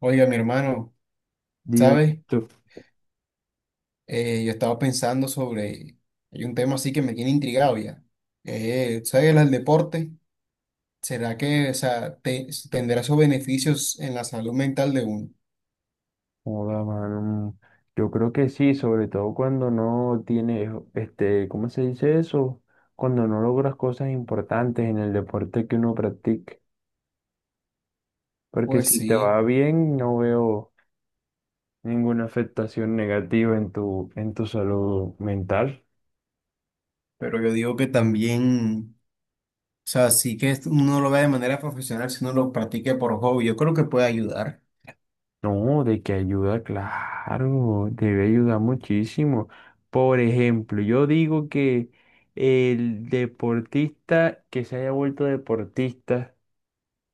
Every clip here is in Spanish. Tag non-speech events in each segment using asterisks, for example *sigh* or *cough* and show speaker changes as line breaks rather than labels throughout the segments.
Oiga, mi hermano,
Dime,
¿sabes?
tú.
Yo estaba pensando hay un tema así que me tiene intrigado ya. ¿Sabes? El deporte, ¿será que, o sea, tendrá sus beneficios en la salud mental de uno?
Joda, mano. Yo creo que sí, sobre todo cuando no tienes, ¿cómo se dice eso? Cuando no logras cosas importantes en el deporte que uno practique. Porque
Pues
si te va
sí,
bien, no veo ninguna afectación negativa en tu salud mental.
pero yo digo que también, o sea, sí que esto uno lo vea de manera profesional, si uno lo practique por hobby, yo creo que puede ayudar.
No, de que ayuda, claro, debe ayudar muchísimo. Por ejemplo, yo digo que el deportista que se haya vuelto deportista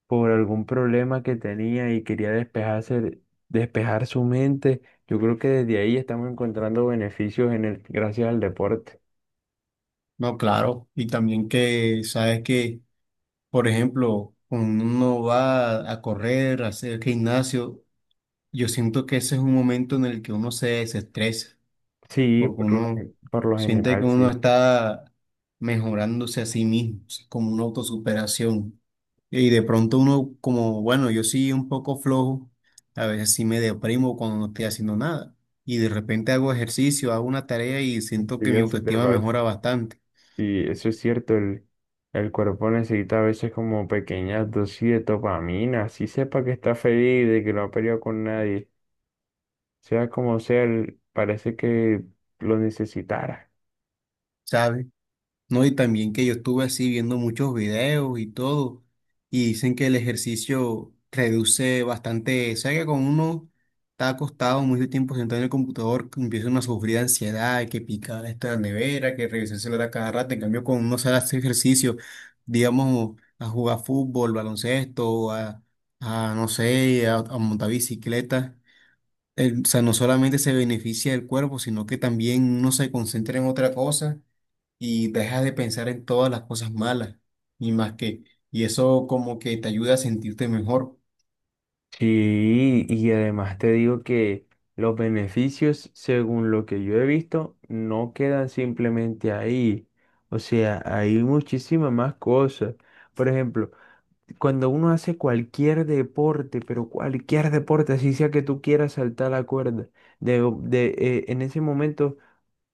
por algún problema que tenía y quería despejarse, despejar su mente. Yo creo que desde ahí estamos encontrando beneficios en el, gracias al deporte.
No, claro, y también que, ¿sabes que por ejemplo, cuando uno va a correr, a hacer gimnasio, yo siento que ese es un momento en el que uno se desestresa,
Sí,
porque uno
por lo
siente que
general,
uno
sí.
está mejorándose a sí mismo, o sea, como una autosuperación? Y de pronto uno, como, bueno, yo sí un poco flojo, a veces sí me deprimo cuando no estoy haciendo nada. Y de repente hago ejercicio, hago una tarea y siento que
Sí,
mi
eso te
autoestima
parece.
mejora bastante,
Y eso es cierto, el cuerpo necesita a veces como pequeñas dosis de dopamina, así sepa que está feliz, de que no ha peleado con nadie, sea como sea, el- parece que lo necesitara.
¿sabes? No, y también que yo estuve así viendo muchos videos y todo, y dicen que el ejercicio reduce bastante, o sea que con uno está acostado mucho tiempo sentado en el computador, que empieza uno a sufrir de ansiedad, que picar esta la nevera, que revisar el celular a cada rato, en cambio con uno sale a hacer ejercicio, digamos, a jugar fútbol, baloncesto, a no sé, a montar bicicleta o sea, no solamente se beneficia el cuerpo, sino que también uno se concentra en otra cosa y deja de pensar en todas las cosas malas y más que, y eso como que te ayuda a sentirte mejor.
Sí, y además te digo que los beneficios, según lo que yo he visto, no quedan simplemente ahí. O sea, hay muchísimas más cosas. Por ejemplo, cuando uno hace cualquier deporte, pero cualquier deporte, así sea que tú quieras saltar la cuerda, en ese momento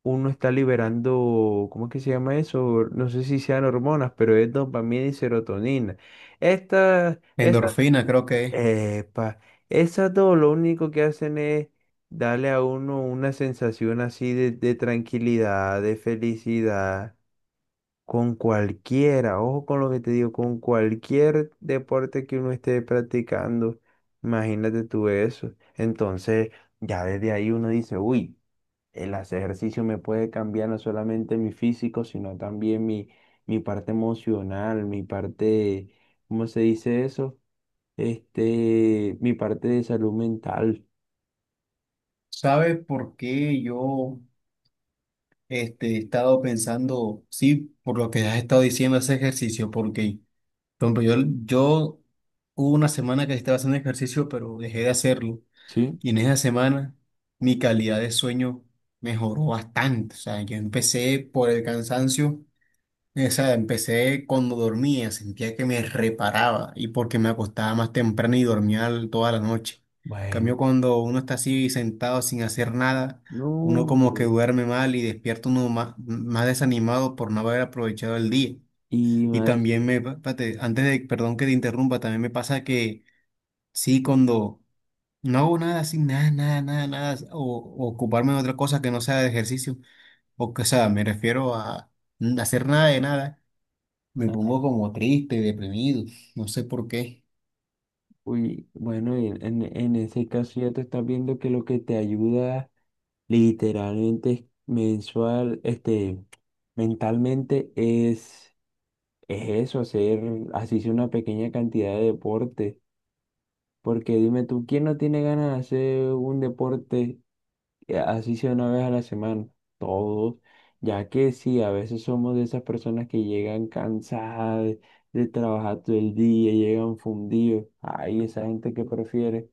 uno está liberando, ¿cómo es que se llama eso? No sé si sean hormonas, pero es dopamina y serotonina. Estas.
Endorfina, creo que es.
Epa, esas dos lo único que hacen es darle a uno una sensación así de tranquilidad, de felicidad, con cualquiera, ojo con lo que te digo, con cualquier deporte que uno esté practicando, imagínate tú eso. Entonces, ya desde ahí uno dice, uy, el hacer ejercicio me puede cambiar no solamente mi físico, sino también mi parte emocional, mi parte, ¿cómo se dice eso? Mi parte de salud mental.
¿Sabes por qué yo este, he estado pensando, sí, por lo que has estado diciendo ese ejercicio? Porque, por ejemplo, yo hubo una semana que estaba haciendo ejercicio, pero dejé de hacerlo.
¿Sí?
Y en esa semana mi calidad de sueño mejoró bastante. O sea, yo empecé por el cansancio, o sea, empecé cuando dormía, sentía que me reparaba y porque me acostaba más temprano y dormía toda la noche. En
Bueno,
cambio, cuando uno está así sentado sin hacer nada,
no,
uno como que
hombre.
duerme mal y despierta uno más, más desanimado por no haber aprovechado el día.
Y
Y
más,
también antes de, perdón que te interrumpa, también me pasa que sí, cuando... No, nada así, nada. O ocuparme en otra cosa que no sea de ejercicio. O que, o sea, me refiero a hacer nada de nada. Me
ah,
pongo como triste, deprimido. No sé por qué.
uy, bueno, en ese caso ya te estás viendo que lo que te ayuda literalmente es mensual, mentalmente es eso, hacer, así sea una pequeña cantidad de deporte. Porque dime tú, ¿quién no tiene ganas de hacer un deporte así sea una vez a la semana, todos, ya que sí, a veces somos de esas personas que llegan cansadas de trabajar todo el día, llegan fundidos. Hay esa gente que prefiere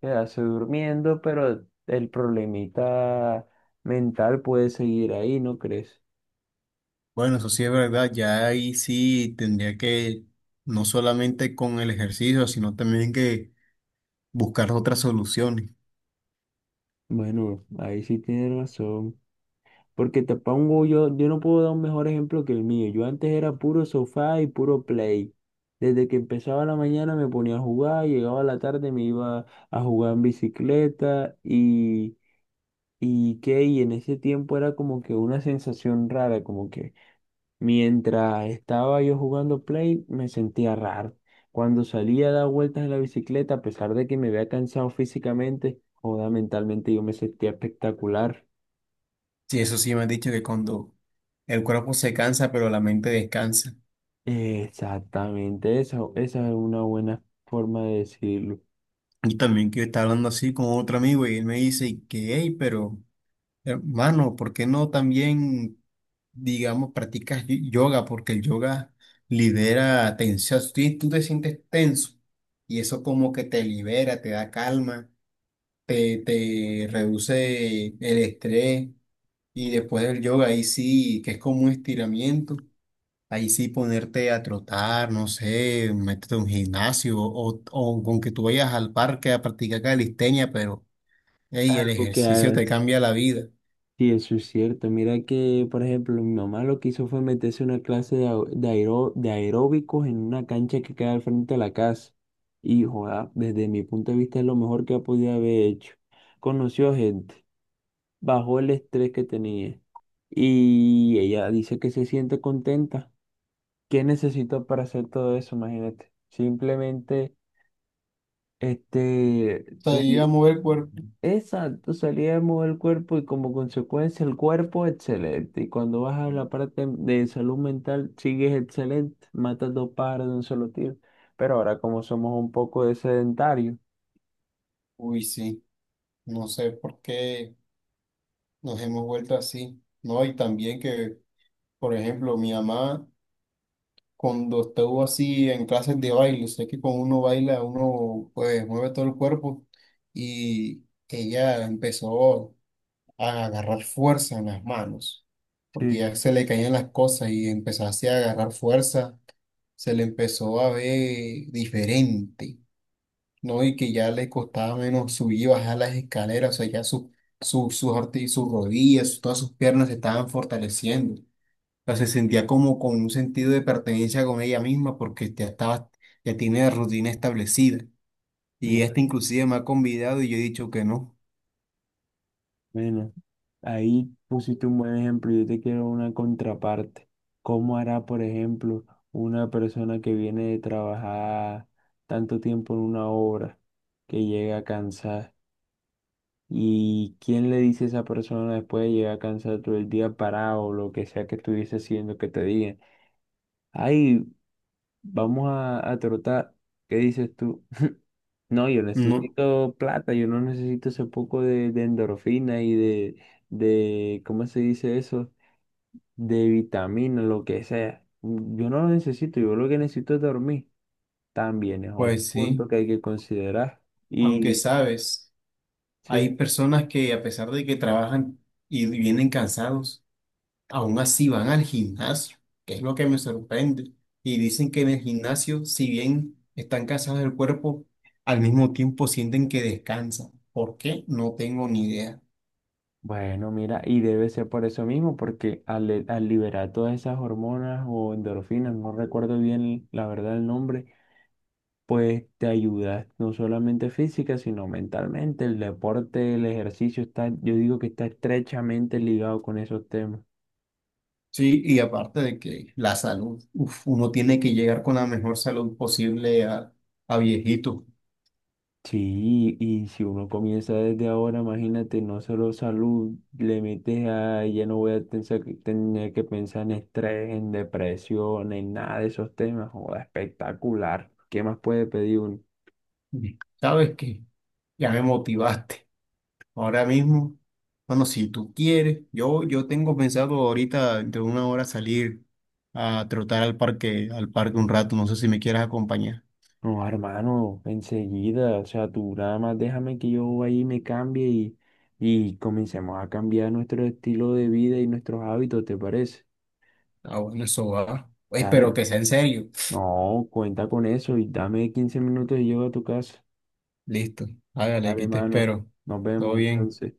quedarse durmiendo, pero el problemita mental puede seguir ahí, ¿no crees?
Bueno, eso sí es verdad. Ya ahí sí tendría que, no solamente con el ejercicio, sino también que buscar otras soluciones.
Bueno, ahí sí tienes razón. Porque te pongo yo, yo no puedo dar un mejor ejemplo que el mío. Yo antes era puro sofá y puro play. Desde que empezaba la mañana me ponía a jugar, llegaba a la tarde me iba a jugar en bicicleta y qué, y en ese tiempo era como que una sensación rara, como que mientras estaba yo jugando play me sentía raro. Cuando salía a dar vueltas en la bicicleta, a pesar de que me había cansado físicamente, joda, mentalmente yo me sentía espectacular.
Sí, eso sí me han dicho que cuando el cuerpo se cansa, pero la mente descansa.
Exactamente, esa es una buena forma de decirlo.
Y también que yo estaba hablando así con otro amigo y él me dice que, hey, pero hermano, ¿por qué no también, digamos, practicas yoga? Porque el yoga libera tensión. Si tú te sientes tenso y eso como que te libera, te da calma, te reduce el estrés. Y después del yoga, ahí sí, que es como un estiramiento, ahí sí ponerte a trotar, no sé, métete a un gimnasio o con que tú vayas al parque a practicar calistenia, pero hey, el
Algo que
ejercicio te
hagas.
cambia la vida.
Sí, eso es cierto. Mira que, por ejemplo, mi mamá lo que hizo fue meterse a una clase de, de aeróbicos en una cancha que queda al frente de la casa. Y, joda, desde mi punto de vista es lo mejor que ha podido haber hecho. Conoció gente, bajó el estrés que tenía. Y ella dice que se siente contenta. ¿Qué necesitó para hacer todo eso? Imagínate. Simplemente. Este,
O sea, a
sueli-
mover el cuerpo.
exacto, salíamos del cuerpo y como consecuencia el cuerpo excelente. Y cuando vas a la parte de salud mental, sigues excelente, matas dos pájaros de un solo tiro. Pero ahora como somos un poco de sedentarios,
Uy, sí, no sé por qué nos hemos vuelto así, ¿no? Y también que, por ejemplo, mi mamá, cuando estuvo así en clases de baile, sé que cuando uno baila, uno pues mueve todo el cuerpo y ella empezó a agarrar fuerza en las manos, porque
sí,
ya se le caían las cosas y empezó así a agarrar fuerza, se le empezó a ver diferente. No, y que ya le costaba menos subir y bajar las escaleras, o sea, ya su, sus sus rodillas, todas sus piernas se estaban fortaleciendo. O sea, se sentía como con un sentido de pertenencia con ella misma porque ya estaba, ya tiene la rutina establecida.
no,
Y esta inclusive me ha convidado y yo he dicho que no.
bueno, ahí pusiste un buen ejemplo. Yo te quiero una contraparte. ¿Cómo hará, por ejemplo, una persona que viene de trabajar tanto tiempo en una obra, que llega cansada? ¿Y quién le dice a esa persona después de llegar cansado todo el día parado o lo que sea que estuviese haciendo que te diga, ay, vamos a trotar? ¿Qué dices tú? *laughs* No, yo
No,
necesito plata, yo no necesito ese poco de endorfina y de, ¿cómo se dice eso? De vitamina, lo que sea. Yo no lo necesito, yo lo que necesito es dormir. También es otro
pues
punto
sí,
que hay que considerar.
aunque
Y
sabes,
sí.
hay personas que a pesar de que trabajan y vienen cansados, aún así van al gimnasio, que es lo que me sorprende. Y dicen que en el gimnasio, si bien están cansados del cuerpo, al mismo tiempo sienten que descansan. ¿Por qué? No tengo ni idea.
Bueno, mira, y debe ser por eso mismo, porque al liberar todas esas hormonas o endorfinas, no recuerdo bien la verdad el nombre, pues te ayuda no solamente física, sino mentalmente. El deporte, el ejercicio está, yo digo que está estrechamente ligado con esos temas.
Sí, y aparte de que la salud, uf, uno tiene que llegar con la mejor salud posible a viejito.
Sí, y si uno comienza desde ahora, imagínate, no solo salud, le metes a, ya no voy a pensar tener que pensar en estrés, en depresión, en nada de esos temas. Joda, espectacular. ¿Qué más puede pedir uno?
¿Sabes qué? Ya me motivaste. Ahora mismo, bueno, si tú quieres, yo tengo pensado ahorita de una hora salir a trotar al parque un rato. No sé si me quieras acompañar.
No, hermano, enseguida, o sea, tú nada más déjame que yo ahí me cambie y comencemos a cambiar nuestro estilo de vida y nuestros hábitos, ¿te parece?
Ah, bueno, eso va. Oye, pero
Dale.
que sea en serio.
No, cuenta con eso y dame 15 minutos y llego a tu casa.
Listo, hágale,
Dale,
aquí te
mano.
espero.
Nos
Todo
vemos
bien.
entonces.